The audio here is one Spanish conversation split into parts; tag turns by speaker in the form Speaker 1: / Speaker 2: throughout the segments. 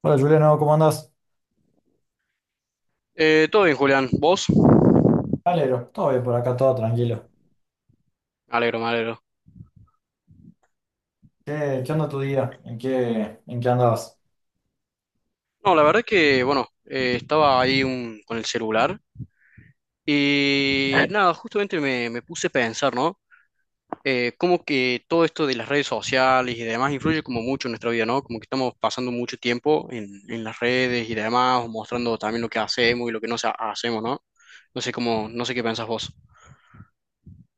Speaker 1: Hola Juliano, ¿cómo andás?
Speaker 2: Todo bien, Julián. ¿Vos?
Speaker 1: Alero, todo bien por acá, todo tranquilo.
Speaker 2: Me alegro, me alegro.
Speaker 1: ¿Qué onda tu día? ¿En qué andabas?
Speaker 2: No, la verdad que, bueno, estaba ahí con el celular y nada, justamente me puse a pensar, ¿no? Cómo que todo esto de las redes sociales y demás influye como mucho en nuestra vida, ¿no? Como que estamos pasando mucho tiempo en las redes y demás, o mostrando también lo que hacemos y lo que hacemos, ¿no? No sé cómo, no sé qué pensás vos.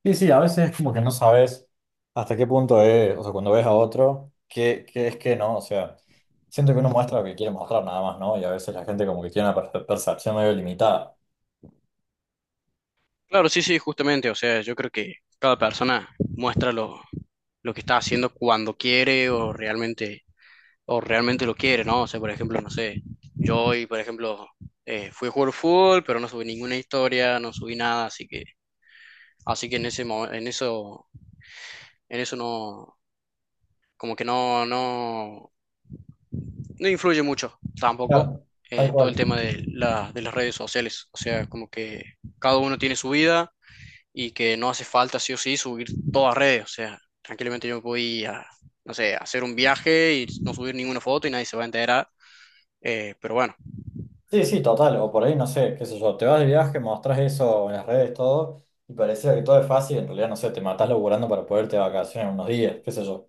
Speaker 1: Sí, sí, a veces es como que no sabes hasta qué punto es, o sea, cuando ves a otro, qué es que no, o sea, siento que uno muestra lo que quiere mostrar nada más, ¿no? Y a veces la gente como que tiene una percepción medio limitada.
Speaker 2: Claro, sí, sí, justamente, o sea, yo creo que cada persona muestra lo que está haciendo cuando quiere o realmente lo quiere, ¿no? O sea, por ejemplo, no sé, yo hoy, por ejemplo, fui a jugar fútbol, pero no subí ninguna historia, no subí nada, así que, en ese, en eso, en eso no, como que no, no influye mucho tampoco
Speaker 1: Claro, tal
Speaker 2: todo el
Speaker 1: cual.
Speaker 2: tema de las redes sociales, o sea, como que cada uno tiene su vida y que no hace falta sí o sí subir todas redes, o sea, tranquilamente yo no sé, hacer un viaje y no subir ninguna foto y nadie se va a enterar, pero bueno.
Speaker 1: Sí, sí, total, o por ahí no sé, qué sé yo, te vas de viaje, mostrás eso en las redes, todo, y pareciera que todo es fácil, en realidad no sé, te matás laburando para poderte de vacaciones unos días, qué sé yo.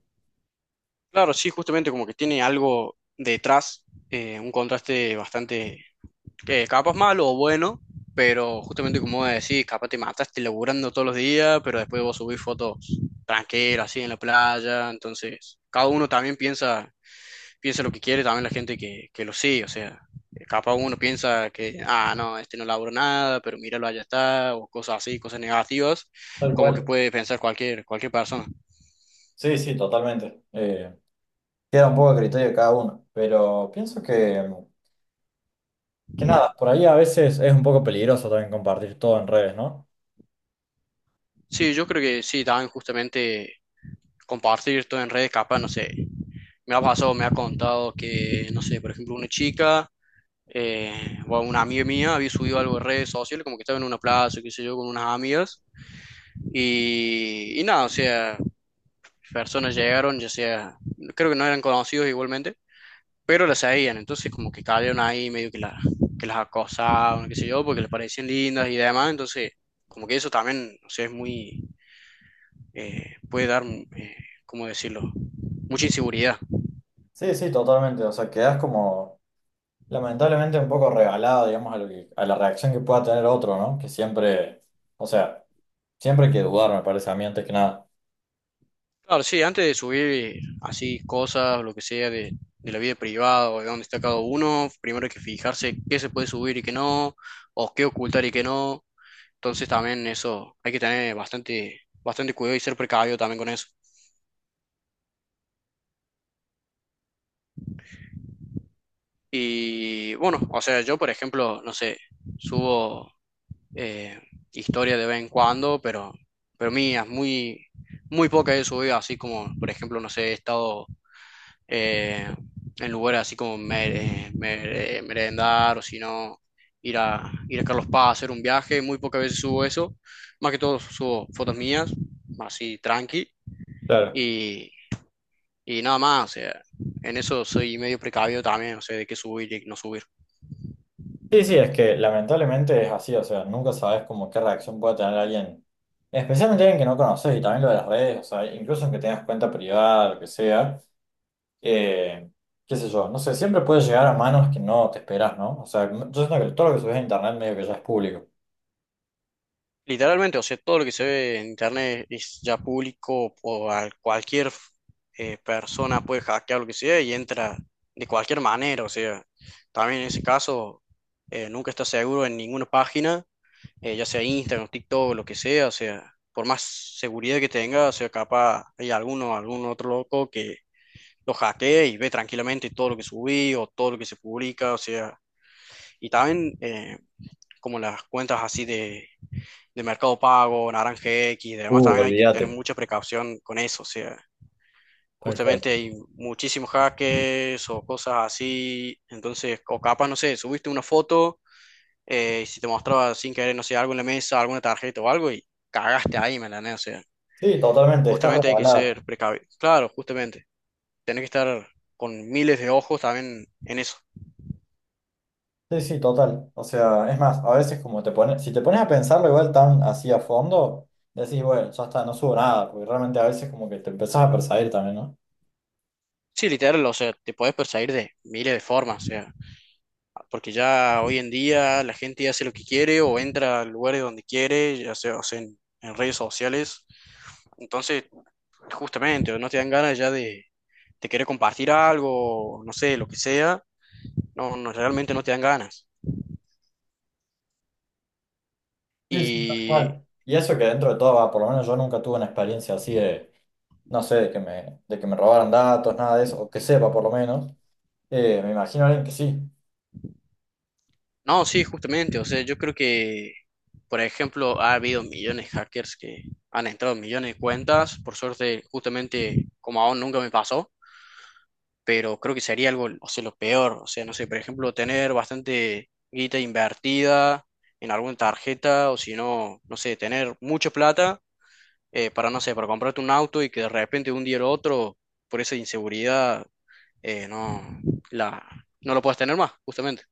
Speaker 2: Claro, sí, justamente como que tiene algo detrás, un contraste bastante, que capaz malo o bueno, pero justamente como vos decís, capaz te mataste laburando todos los días, pero después vos subís fotos tranquilas, así en la playa, entonces cada uno también piensa, lo que quiere, también la gente que lo sigue, o sea, capaz uno piensa que, ah, no, este no laburó nada, pero míralo, allá está, o cosas así, cosas negativas,
Speaker 1: Tal
Speaker 2: como que
Speaker 1: cual.
Speaker 2: puede pensar cualquier, cualquier persona.
Speaker 1: Sí, sí, totalmente. Queda un poco a criterio de cada uno, pero pienso que nada, por ahí a veces es un poco peligroso también compartir todo en redes, ¿no?
Speaker 2: Sí, yo creo que sí, también justamente compartir todo en redes, capaz, no sé, me ha pasado, me ha contado que, no sé, por ejemplo, una chica o una amiga mía había subido algo en redes sociales, como que estaba en una plaza, qué sé yo, con unas amigas, y nada, o sea, personas llegaron, ya sea, creo que no eran conocidos igualmente, pero las seguían, entonces como que cayeron ahí medio que, que las acosaban, qué sé yo, porque les parecían lindas y demás, entonces como que eso también, o sea, es muy, Puede dar, ¿cómo decirlo? Mucha inseguridad.
Speaker 1: Sí, sí, totalmente. O sea, quedas como lamentablemente un poco regalado, digamos, a lo que- a la reacción que pueda tener otro, ¿no? Que siempre, o sea, siempre hay que dudar, me parece a mí, antes que nada.
Speaker 2: Claro, sí, antes de subir así cosas, lo que sea, de la vida privada o de dónde está cada uno, primero hay que fijarse qué se puede subir y qué no, o qué ocultar y qué no. Entonces también eso, hay que tener bastante, bastante cuidado y ser precavido también con eso. Y bueno, o sea, yo por ejemplo, no sé, subo eh, historia de vez en cuando, pero mías, muy, muy pocas he subido, así como por ejemplo, no sé, he estado eh, en lugares así como merendar o si no, ir a Carlos Paz a hacer un viaje. Muy pocas veces subo eso. Más que todo subo fotos mías, así tranqui.
Speaker 1: Claro.
Speaker 2: Y, y nada más, o sea, en eso soy medio precavido también, o sea, de qué subir y no subir.
Speaker 1: Sí, sí, es que lamentablemente es así, o sea, nunca sabes como qué reacción puede tener alguien, especialmente alguien que no conoces y también lo de las redes, o sea, incluso aunque tengas cuenta privada, lo que sea. Eh, Qué sé yo, no sé, siempre puede llegar a manos que no te esperas, ¿no? O sea, yo siento que todo lo que subes a internet medio que ya es público.
Speaker 2: Literalmente, o sea, todo lo que se ve en internet es ya público o a cualquier persona puede hackear lo que sea y entra de cualquier manera, o sea, también en ese caso nunca está seguro en ninguna página, ya sea Instagram, TikTok, lo que sea, o sea, por más seguridad que tenga, o sea, capaz hay alguno, algún otro loco que lo hackee y ve tranquilamente todo lo que subí o todo lo que se publica, o sea, y también como las cuentas así de Mercado Pago, Naranja X, y demás, también hay que tener
Speaker 1: Olvídate.
Speaker 2: mucha precaución con eso, o sea,
Speaker 1: Tal cual.
Speaker 2: justamente hay muchísimos hackers o cosas así, entonces, o capaz, no sé, subiste una foto, y si te mostraba sin querer, no sé, algo en la mesa, alguna tarjeta o algo, y cagaste ahí, ¿me entendés? O sea,
Speaker 1: Sí, totalmente, estás
Speaker 2: justamente hay que
Speaker 1: regalada.
Speaker 2: ser precavido, claro, justamente, tenés que estar con miles de ojos también en eso.
Speaker 1: Sí, sí, total. O sea, es más, a veces como te pones, si te pones a pensarlo igual tan así a fondo, decís, bueno, ya está, no subo nada, porque realmente a veces como que te empezás a perseguir también, ¿no?
Speaker 2: Sí, literal, o sea, te puedes perseguir de miles de formas, o sea, porque ya hoy en día la gente hace lo que quiere o entra al lugar de donde quiere, ya sea, o sea, en redes sociales. Entonces, justamente, no te dan ganas ya de querer compartir algo, no sé, lo que sea. No, no, realmente no te dan ganas.
Speaker 1: Sí, sí, tal
Speaker 2: Y
Speaker 1: cual. Y eso que dentro de todo, va, por lo menos yo nunca tuve una experiencia así de, no sé, de que me robaran datos, nada de eso, o que sepa por lo menos. Me imagino a alguien que sí.
Speaker 2: no, sí, justamente, o sea, yo creo que, por ejemplo, ha habido millones de hackers que han entrado en millones de cuentas. Por suerte, justamente, como aún nunca me pasó. Pero creo que sería algo, o sea, lo peor, o sea, no sé, por ejemplo, tener bastante guita invertida en alguna tarjeta, o si no, no sé, tener mucha plata no sé, para comprarte un auto y que de repente de un día al otro, por esa inseguridad, eh, no, la, no lo puedas tener más, justamente.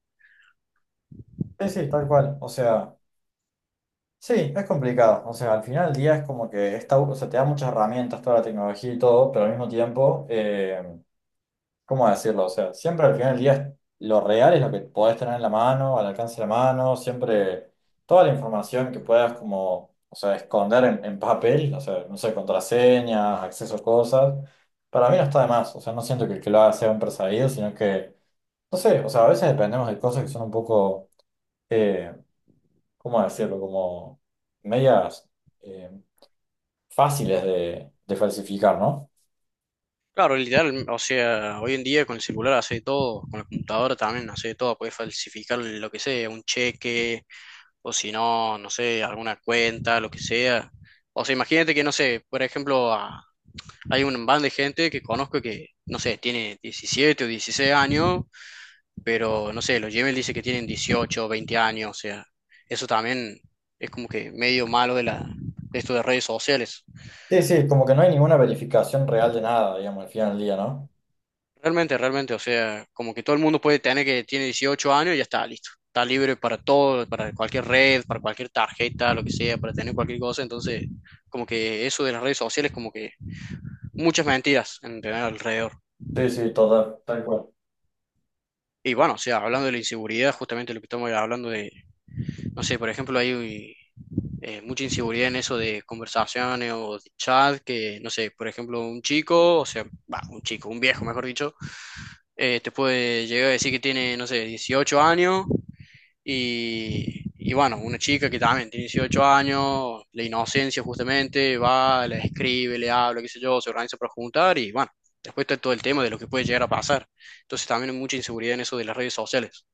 Speaker 1: Sí, sí, tal cual. O sea, sí, es complicado. O sea, al final del día es como que está, o sea, te da muchas herramientas, toda la tecnología y todo, pero al mismo tiempo, ¿cómo decirlo? O sea, siempre al final del día es- lo real es lo que podés tener en la mano, al alcance de la mano, siempre toda la información que puedas como, o sea, esconder en papel, o sea, no sé, contraseñas, acceso a cosas, para mí no está de más. O sea, no siento que el que lo haga sea un perseguido, sino que, no sé, o sea, a veces dependemos de cosas que son un poco eh, ¿cómo decirlo? Como medias eh, fáciles de falsificar, ¿no?
Speaker 2: Claro, literal, o sea, hoy en día con el celular hace todo, con la computadora también hace todo, puedes falsificar lo que sea, un cheque, o si no, no sé, alguna cuenta, lo que sea. O sea, imagínate que, no sé, por ejemplo, hay un band de gente que conozco que, no sé, tiene 17 o 16 años, pero, no sé, los Gmail dice que tienen 18 o 20 años, o sea, eso también es como que medio malo de esto de redes sociales.
Speaker 1: Sí, sí, como que no hay ninguna verificación real de nada, digamos, al final del día, ¿no?
Speaker 2: Realmente, realmente, o sea, como que todo el mundo puede tener que tiene 18 años y ya está listo. Está libre para todo, para cualquier red, para cualquier tarjeta, lo que sea, para tener cualquier cosa. Entonces, como que eso de las redes sociales, como que muchas mentiras en tener alrededor.
Speaker 1: Sí, sí, total, tal cual.
Speaker 2: Y bueno, o sea, hablando de la inseguridad, justamente lo que estamos hablando de no sé, por ejemplo, hay mucha inseguridad en eso de conversaciones o de chat, que, no sé, por ejemplo, un chico, o sea, va, un chico, un viejo, mejor dicho, te puede llegar a decir que tiene, no sé, 18 años y bueno, una chica que también tiene 18 años, la inocencia justamente, va, le escribe, le habla, qué sé yo, se organiza para juntar y bueno, después está todo el tema de lo que puede llegar a pasar. Entonces también hay mucha inseguridad en eso de las redes sociales.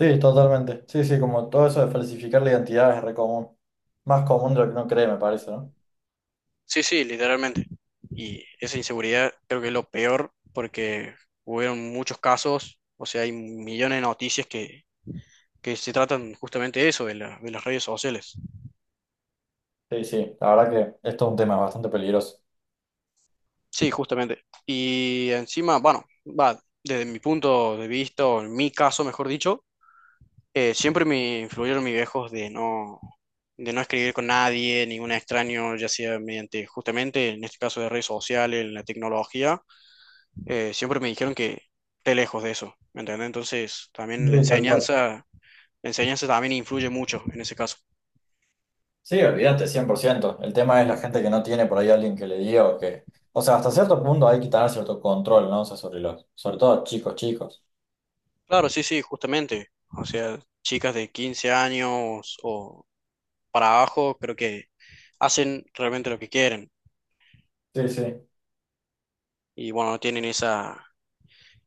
Speaker 1: Sí, totalmente. Sí, sí, como todo eso de falsificar la identidad es re común. Más común de lo que uno cree, me parece, ¿no?
Speaker 2: Sí, sí, literalmente. Y esa inseguridad creo que es lo peor porque hubieron muchos casos, o sea, hay millones de noticias que se tratan justamente de eso, de las redes sociales.
Speaker 1: Sí, sí, la verdad que esto es un tema bastante peligroso.
Speaker 2: Sí, justamente. Y encima, bueno, va, desde mi punto de vista, o en mi caso, mejor dicho, siempre me influyeron mis viejos de no escribir con nadie, ningún extraño, ya sea mediante justamente, en este caso, de redes sociales, la tecnología siempre me dijeron que esté lejos de eso, ¿me entiendes? Entonces, también
Speaker 1: Sí, tal cual.
Speaker 2: la enseñanza también influye mucho en ese caso.
Speaker 1: Sí, olvídate, 100%. El tema es la gente que no tiene por ahí alguien que le diga o que... O sea, hasta cierto punto hay que tener cierto control, ¿no? O sea, sobre los, sobre todo chicos, chicos.
Speaker 2: Claro, sí, sí, justamente. O sea, chicas de 15 años o para abajo, creo que hacen realmente lo que quieren
Speaker 1: Sí, sí.
Speaker 2: y bueno, no tienen esa,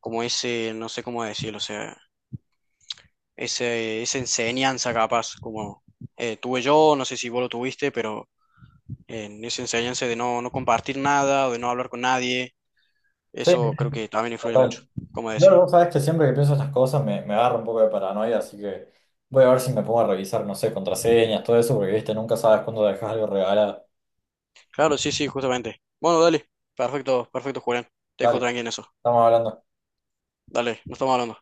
Speaker 2: como ese, no sé cómo decirlo, o sea, ese, esa enseñanza capaz, como tuve yo, no sé si vos lo tuviste, pero en esa enseñanza de no, no compartir nada, o de no hablar con nadie.
Speaker 1: Sí,
Speaker 2: Eso creo que también influye mucho,
Speaker 1: total.
Speaker 2: como
Speaker 1: Yo,
Speaker 2: decía.
Speaker 1: vos sabés que siempre que pienso estas cosas me, me agarra un poco de paranoia, así que voy a ver si me pongo a revisar, no sé, contraseñas, todo eso, porque viste, nunca sabes cuándo dejas algo regalado.
Speaker 2: Claro, sí, sí, justamente. Bueno, dale. Perfecto, perfecto, Julián. Te dejo
Speaker 1: Dale,
Speaker 2: tranqui en eso.
Speaker 1: estamos hablando.
Speaker 2: Dale, nos estamos hablando.